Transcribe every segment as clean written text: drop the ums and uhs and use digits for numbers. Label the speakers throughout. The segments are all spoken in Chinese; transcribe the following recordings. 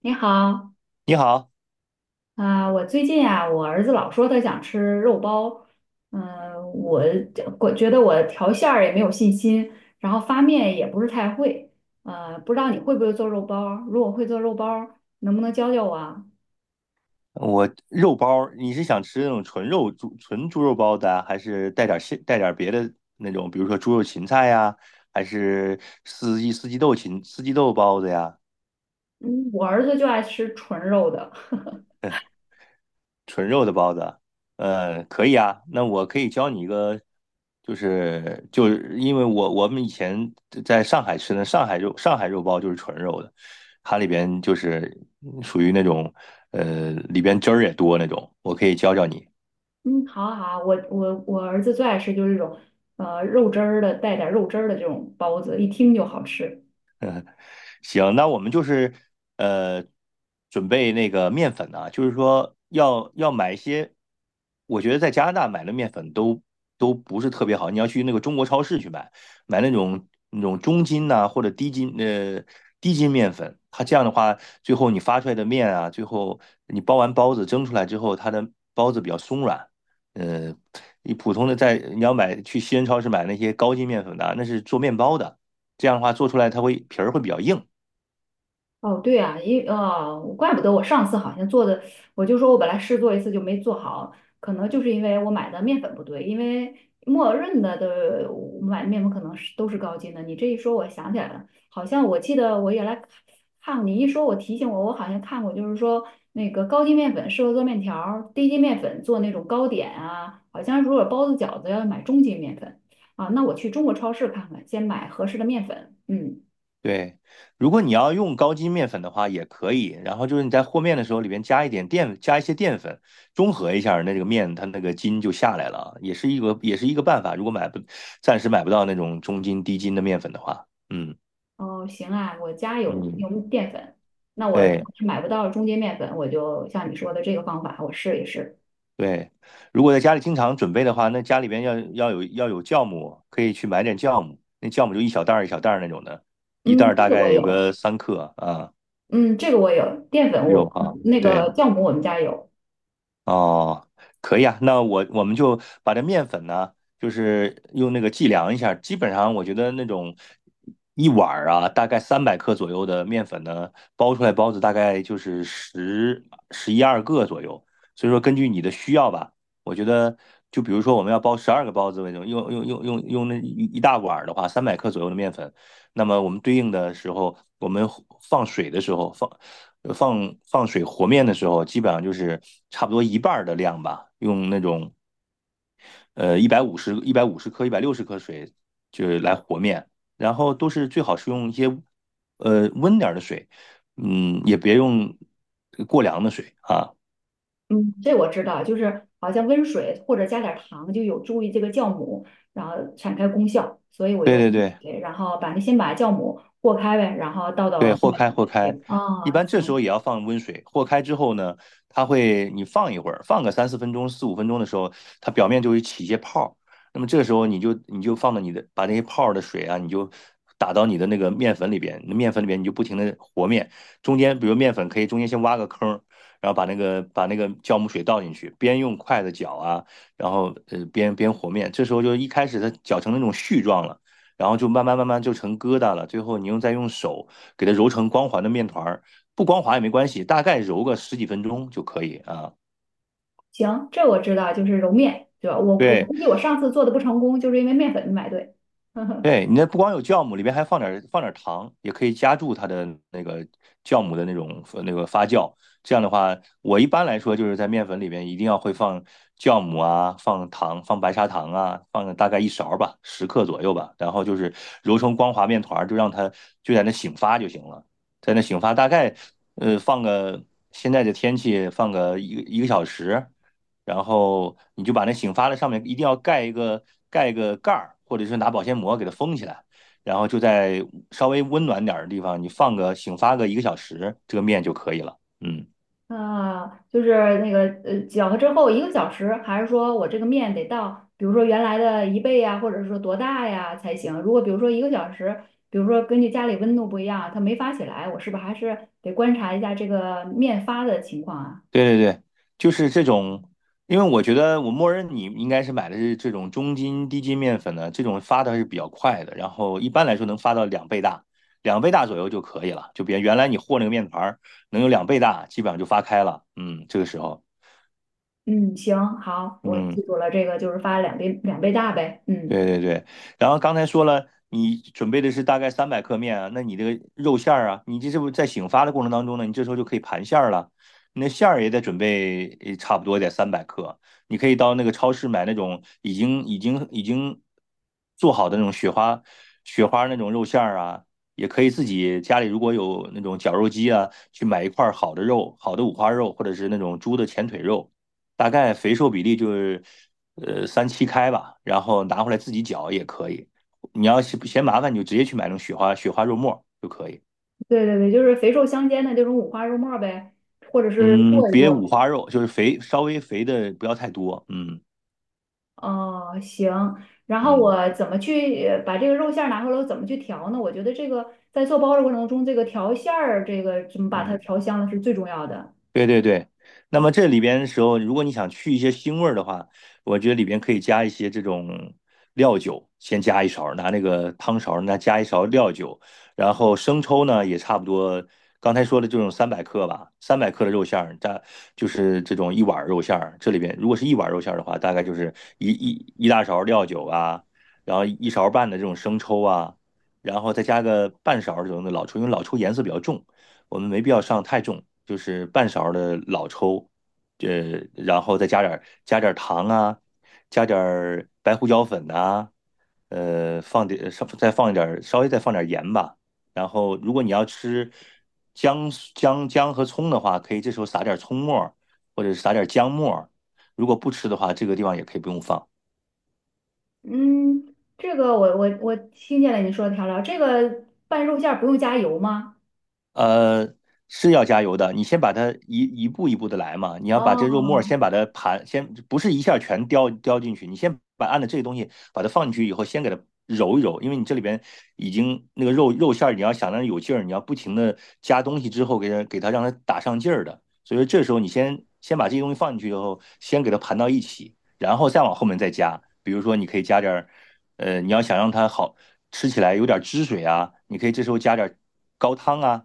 Speaker 1: 你好，
Speaker 2: 你好，
Speaker 1: 啊、我最近啊，我儿子老说他想吃肉包，嗯、我我觉得我调馅儿也没有信心，然后发面也不是太会，不知道你会不会做肉包？如果会做肉包，能不能教教我啊？
Speaker 2: 我肉包儿你是想吃那种纯猪肉包子啊，还是带点儿别的那种，比如说猪肉芹菜呀，还是四季豆包子呀？
Speaker 1: 嗯，我儿子就爱吃纯肉的。
Speaker 2: 纯肉的包子，可以啊。那我可以教你一个，就是因为我们以前在上海吃的上海肉包就是纯肉的，它里边就是属于那种里边汁儿也多那种。我可以教教你，
Speaker 1: 嗯，好啊好啊，我儿子最爱吃就是这种，肉汁儿的，带点儿肉汁儿的这种包子，一听就好吃。
Speaker 2: 行，那我们就是呃，准备那个面粉呢，就是说要买一些，我觉得在加拿大买的面粉都不是特别好，你要去那个中国超市去买，买那种中筋呐、或者低筋面粉，它这样的话，最后你发出来的面啊，最后你包完包子蒸出来之后，它的包子比较松软，呃，你普通的在你要买去西人超市买那些高筋面粉的啊那是做面包的。这样的话做出来它会皮儿会比较硬，
Speaker 1: 哦，对啊，怪不得我上次好像做的，我就说我本来试做一次就没做好，可能就是因为我买的面粉不对，因为默认的我买的面粉可能是都是高筋的。你这一说，我想起来了，好像我记得我原来看你一说，我提醒我，我好像看过，就是说那个高筋面粉适合做面条儿，低筋面粉做那种糕点啊，好像如果包子饺子要买中筋面粉啊。那我去中国超市看看，先买合适的面粉，嗯。
Speaker 2: 对，如果你要用高筋面粉的话，也可以。然后就是你在和面的时候，里边加一点淀，加一些淀粉，中和一下那这个面，它那个筋就下来了啊，也是一个办法。如果买不，暂时买不到那种中筋低筋的面粉的话，嗯
Speaker 1: 哦，行啊，我家有
Speaker 2: 嗯，
Speaker 1: 用淀粉，那我如果
Speaker 2: 对
Speaker 1: 是买不到中筋面粉，我就像你说的这个方法，我试一试。
Speaker 2: 对。如果在家里经常准备的话，那家里边要有酵母，可以去买点酵母，那酵母就一小袋儿一小袋儿那种的，一袋
Speaker 1: 嗯，
Speaker 2: 儿
Speaker 1: 这
Speaker 2: 大
Speaker 1: 个
Speaker 2: 概
Speaker 1: 我
Speaker 2: 有
Speaker 1: 有，
Speaker 2: 个3克啊，
Speaker 1: 嗯，这个我有，淀粉
Speaker 2: 有
Speaker 1: 我
Speaker 2: 啊，
Speaker 1: 那
Speaker 2: 对。
Speaker 1: 个酵母我们家有，
Speaker 2: 哦，可以啊，那我们就把这面粉呢，就是用那个计量一下，基本上我觉得那种一碗儿啊，大概三百克左右的面粉呢，包出来包子大概就是十一二个左右，所以说根据你的需要吧，我觉得就比如说我们要包12个包子为准，用那一大碗儿的话，三百克左右的面粉，那么我们对应的时候，我们放水的时候放放水和面的时候，基本上就是差不多一半的量吧，用那种一百五十克、160克水就是来和面，然后都是最好是用一些温点儿的水，嗯，也别用过凉的水啊。
Speaker 1: 嗯，这我知道，就是好像温水或者加点糖就有助于这个酵母，然后产开功效，所以我
Speaker 2: 对
Speaker 1: 用
Speaker 2: 对
Speaker 1: 温
Speaker 2: 对，
Speaker 1: 水，然后把那先把酵母和开呗，然后倒
Speaker 2: 对，
Speaker 1: 到
Speaker 2: 和
Speaker 1: 面
Speaker 2: 开
Speaker 1: 里。
Speaker 2: 和开，
Speaker 1: 对，
Speaker 2: 一
Speaker 1: 哦，
Speaker 2: 般这时候
Speaker 1: 行。
Speaker 2: 也要放温水。和开之后呢，它会你放一会儿，放个三四分钟、四五分钟的时候，它表面就会起一些泡儿。那么这个时候你就放到你的把那些泡儿的水啊，你就打到你的那个面粉里边，那面粉里边你就不停的和面，中间比如面粉可以中间先挖个坑儿，然后把那个酵母水倒进去，边用筷子搅啊，然后边和面。这时候就一开始它搅成那种絮状了，然后就慢慢慢慢就成疙瘩了，最后你再用手。给它揉成光滑的面团儿，不光滑也没关系，大概揉个十几分钟就可以啊。
Speaker 1: 行，这我知道，就是揉面，对吧？我
Speaker 2: 对，
Speaker 1: 估计我上次做的不成功，就是因为面粉没买对。呵呵，
Speaker 2: 对，你那不光有酵母，里边还放点糖，也可以加注它的那个酵母的那种那个发酵。这样的话，我一般来说就是在面粉里边一定要会放酵母啊，放糖，放白砂糖啊，放大概一勺儿吧，十克左右吧。然后就是揉成光滑面团儿，就让它就在那醒发就行了，在那醒发大概放个现在的天气放个一个小时，然后你就把那醒发的上面一定要盖一个盖儿，或者是拿保鲜膜给它封起来，然后就在稍微温暖点儿的地方，你放个醒发个一个小时，这个面就可以了。嗯，
Speaker 1: 啊，就是那个搅和之后一个小时，还是说我这个面得到，比如说原来的一倍呀，或者说多大呀才行？如果比如说一个小时，比如说根据家里温度不一样，它没发起来，我是不是还是得观察一下这个面发的情况啊？
Speaker 2: 对对对，就是这种，因为我觉得我默认你应该是买的是这种中筋、低筋面粉的，这种发的还是比较快的，然后一般来说能发到两倍大。两倍大左右就可以了，就别原来你和那个面团儿能有两倍大，基本上就发开了。嗯，这个时候，
Speaker 1: 嗯，行，好，我记
Speaker 2: 嗯，
Speaker 1: 住了，这个就是发两倍两倍大呗。
Speaker 2: 对
Speaker 1: 嗯。
Speaker 2: 对对，然后刚才说了，你准备的是大概三百克面啊，那你这个肉馅儿啊，你这是不是在醒发的过程当中呢？你这时候就可以盘馅儿了，你那馅儿也得准备差不多得三百克，你可以到那个超市买那种已经做好的那种雪花那种肉馅儿啊，也可以自己家里如果有那种绞肉机啊，去买一块儿好的肉，好的五花肉或者是那种猪的前腿肉。大概肥瘦比例就是三七开吧，然后拿回来自己搅也可以。你要是嫌麻烦，你就直接去买那种雪花肉末就可以。
Speaker 1: 对对对，就是肥瘦相间的这种五花肉末呗，或者是
Speaker 2: 嗯，
Speaker 1: 剁一
Speaker 2: 别
Speaker 1: 剁
Speaker 2: 五
Speaker 1: 呗。
Speaker 2: 花肉，就是肥稍微肥的不要太多。嗯
Speaker 1: 哦，行。然后
Speaker 2: 嗯
Speaker 1: 我怎么去把这个肉馅儿拿回来，我怎么去调呢？我觉得这个在做包的过程中，这个调馅儿，这个怎么把它
Speaker 2: 嗯，
Speaker 1: 调香了是最重要的。
Speaker 2: 对对对，那么这里边的时候，如果你想去一些腥味儿的话，我觉得里边可以加一些这种料酒，先加一勺儿拿那个汤勺儿，那加一勺料酒，然后生抽呢也差不多，刚才说的这种三百克吧，三百克的肉馅儿，大就是这种一碗儿肉馅儿，这里边如果是一碗儿肉馅儿的话，大概就是一大勺料酒啊，然后一勺半的这种生抽啊，然后再加个半勺儿这种的老抽，因为老抽颜色比较重。我们没必要上太重，就是半勺的老抽，然后再加点糖啊，加点白胡椒粉呐、放点稍再放一点稍微再放点盐吧。然后如果你要吃姜姜和葱的话，可以这时候撒点葱末儿或者是撒点姜末儿如果不吃的话，这个地方也可以不用放。
Speaker 1: 嗯，这个我听见了你说的调料，这个拌肉馅儿不用加油吗？
Speaker 2: 呃，是要加油的。你先把它一步一步的来嘛。你要把这肉沫儿
Speaker 1: 哦
Speaker 2: 先把它盘，先不是一下全叼进去，你先把按照这个东西把它放进去以后，先给它揉一揉，因为你这里边已经那个肉馅儿，你要想让它有劲儿，你要不停的加东西之后给它让它打上劲儿的。所以说这时候你先把这些东西放进去以后，先给它盘到一起，然后再往后面再加。比如说你可以加点儿，你要想让它好吃起来有点汁水啊，你可以这时候加点儿高汤啊。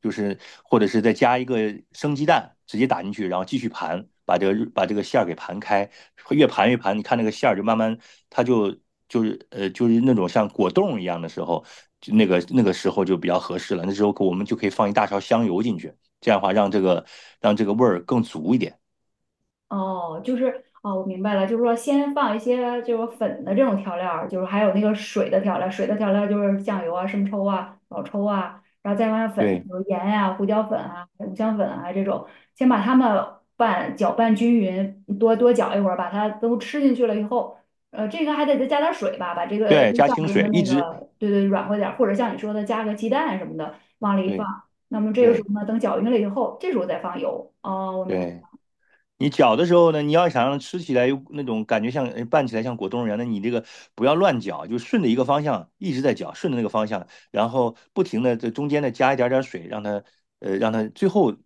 Speaker 2: 就是或者是再加一个生鸡蛋，直接打进去，然后继续盘，把这个馅儿给盘开，越盘越盘，你看那个馅儿就慢慢，它就就是那种像果冻一样的时候，就那个时候就比较合适了。那时候我们就可以放一大勺香油进去，这样的话让这个味儿更足一点。
Speaker 1: 哦，我明白了，就是说先放一些就是粉的这种调料儿，就是还有那个水的调料，就是酱油啊、生抽啊、老抽啊，然后再放上粉，
Speaker 2: 对
Speaker 1: 比如盐啊、胡椒粉啊、五香粉啊这种，先把它们搅拌均匀，多多搅一会儿，把它都吃进去了以后，呃，这个还得再加点儿水吧，把这个
Speaker 2: 对，
Speaker 1: 肉
Speaker 2: 加
Speaker 1: 酱
Speaker 2: 清
Speaker 1: 中的
Speaker 2: 水，一
Speaker 1: 那
Speaker 2: 直
Speaker 1: 个软和点儿，或者像你说的加个鸡蛋什么的往里一放，
Speaker 2: 对
Speaker 1: 那么这个时
Speaker 2: 对
Speaker 1: 候呢，等搅匀了以后，这时候再放油。哦，我
Speaker 2: 对。
Speaker 1: 明白。
Speaker 2: 对，你搅的时候呢，你要想让它吃起来有那种感觉像拌起来像果冻一样，那你这个不要乱搅，就顺着一个方向一直在搅，顺着那个方向，然后不停的在中间呢加一点点水，让它最后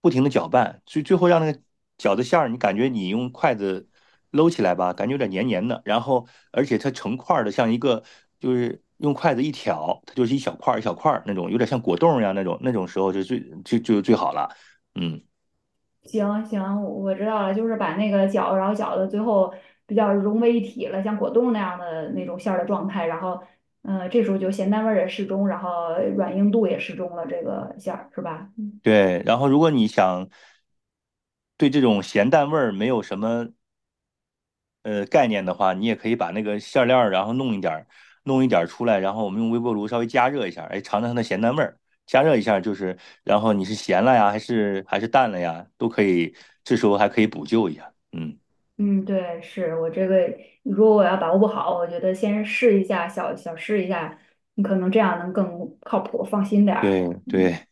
Speaker 2: 不停的搅拌，最后让那个饺子馅儿，你感觉你用筷子搂起来吧，感觉有点黏黏的，然后而且它成块儿的，像一个就是用筷子一挑，它就是一小块儿一小块儿那种，有点像果冻一样那种，那种时候就最好了，嗯。
Speaker 1: 行行，我知道了，就是把那个饺子，然后饺子最后比较融为一体了，像果冻那样的那种馅儿的状态，然后，嗯，这时候就咸淡味儿也适中，然后软硬度也适中了，这个馅儿是吧？嗯，
Speaker 2: 对，然后如果你想对这种咸淡味儿没有什么概念的话，你也可以把那个馅料儿，然后弄一点儿出来，然后我们用微波炉稍微加热一下，哎，尝尝它的咸淡味儿。加热一下就是，然后你是咸了呀，还是淡了呀，都可以，这时候还可以补救一下。嗯，
Speaker 1: 嗯，对，是我这个，如果我要把握不好，我觉得先试一下，小小试一下，你可能这样能更靠谱，放心点儿。
Speaker 2: 对
Speaker 1: 嗯。
Speaker 2: 对。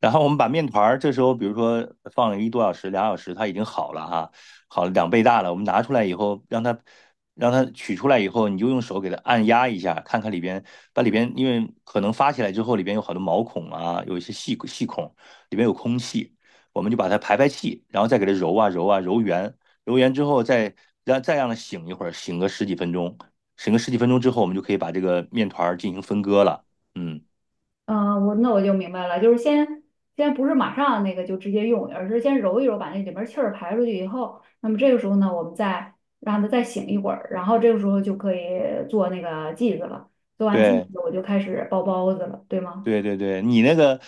Speaker 2: 然后我们把面团儿这时候，比如说放了一多小时、2小时，它已经好了哈，好了2倍大了。我们拿出来以后，让它取出来以后，你就用手给它按压一下，看看里边，把里边因为可能发起来之后，里边有好多毛孔啊，有一些细细孔，里边有空气，我们就把它排排气，然后再给它揉啊揉啊揉圆，揉圆之后再让它醒一会儿，醒个十几分钟，醒个十几分钟之后，我们就可以把这个面团儿进行分割了。嗯，
Speaker 1: 嗯，我那我就明白了，就是先不是马上那个就直接用，而是先揉一揉，把那里面气儿排出去以后，那么这个时候呢，我们再让它再醒一会儿，然后这个时候就可以做那个剂子了。做完剂
Speaker 2: 对。
Speaker 1: 子，我就开始包包子了，对吗？
Speaker 2: 对对对，你那个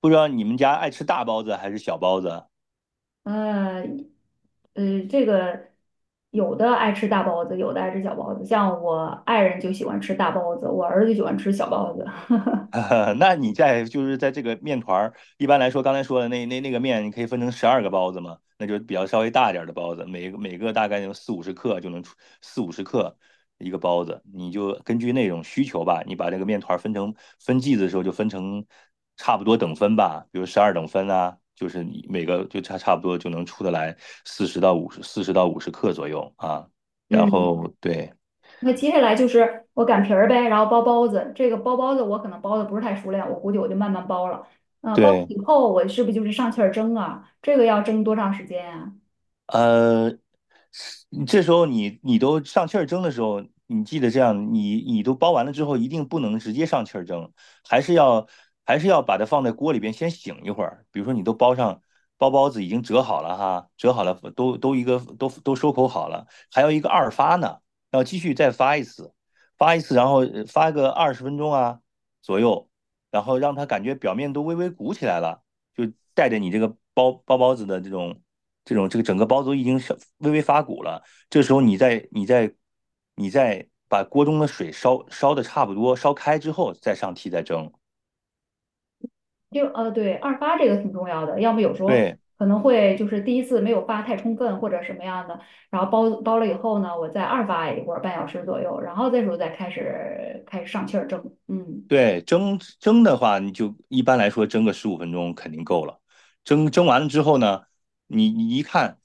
Speaker 2: 不知道你们家爱吃大包子还是小包子？
Speaker 1: 呃，呃，这个有的爱吃大包子，有的爱吃小包子，像我爱人就喜欢吃大包子，我儿子就喜欢吃小包子。
Speaker 2: 那你在就是在这个面团儿，一般来说，刚才说的那个面，你可以分成12个包子嘛，那就是比较稍微大一点儿的包子，每个大概有四五十克就能出四五十克一个包子，你就根据那种需求吧，你把这个面团儿分剂子的时候就分成差不多等分吧，比如12等分啊，就是你每个就差不多就能出得来四十到五十克左右啊，然
Speaker 1: 嗯，
Speaker 2: 后对
Speaker 1: 那接下来就是我擀皮儿呗，然后包包子。这个包包子我可能包的不是太熟练，我估计我就慢慢包了。呃，包
Speaker 2: 对。
Speaker 1: 以后我是不是就是上气儿蒸啊？这个要蒸多长时间啊？
Speaker 2: 呃，是这时候你都上气儿蒸的时候，你记得这样，你都包完了之后，一定不能直接上气儿蒸，还是要还是要把它放在锅里边先醒一会儿。比如说你都包上包包子已经折好了哈，折好了都一个都收口好了，还有一个二发呢，要继续再发一次，然后发个20分钟啊左右，然后让它感觉表面都微微鼓起来了。就带着你这个包包子的这种这个整个包子已经微微发鼓了，这时候你再把锅中的水烧烧的差不多烧开之后，再上屉再蒸。
Speaker 1: 对，二发这个挺重要的，要么有时候
Speaker 2: 对，
Speaker 1: 可能会就是第一次没有发太充分或者什么样的，然后包包了以后呢，我再二发一会儿半小时左右，然后这时候再开始开始上气儿蒸。嗯。
Speaker 2: 对，蒸蒸的话，你就一般来说蒸个十五分钟肯定够了。蒸完了之后呢，你一看，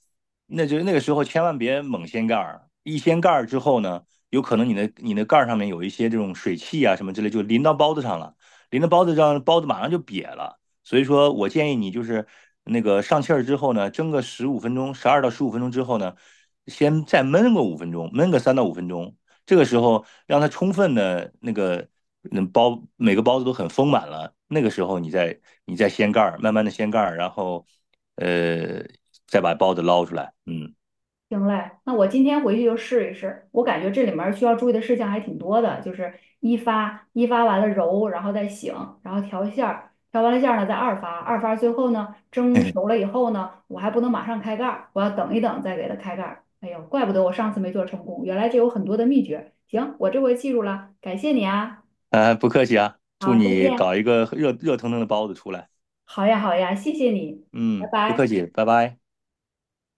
Speaker 2: 那就那个时候千万别猛掀盖儿，一掀盖儿之后呢，有可能你的盖儿上面有一些这种水汽啊什么之类，就淋到包子上了，淋到包子上，包子马上就瘪了。所以说我建议你就是那个上气儿之后呢，蒸个十五分钟，12到15分钟之后呢，先再焖个五分钟，焖个3到5分钟，这个时候让它充分的那个每个包子都很丰满了，那个时候你再掀盖儿，慢慢的掀盖儿，然后呃再把包子捞出来，嗯，
Speaker 1: 行嘞，那我今天回去就试一试。我感觉这里面儿需要注意的事项还挺多的，就是一发，一发完了揉，然后再醒，然后调馅儿，调完了馅儿呢再二发，二发最后呢蒸熟了 以后呢，我还不能马上开盖儿，我要等一等再给它开盖儿。哎呦，怪不得我上次没做成功，原来这有很多的秘诀。行，我这回记住了，感谢你啊。
Speaker 2: 啊不客气啊，祝
Speaker 1: 好，再
Speaker 2: 你搞
Speaker 1: 见。
Speaker 2: 一个热热腾腾的包子出来，
Speaker 1: 好呀，好呀，谢谢你，拜
Speaker 2: 嗯，不客
Speaker 1: 拜。
Speaker 2: 气，拜拜。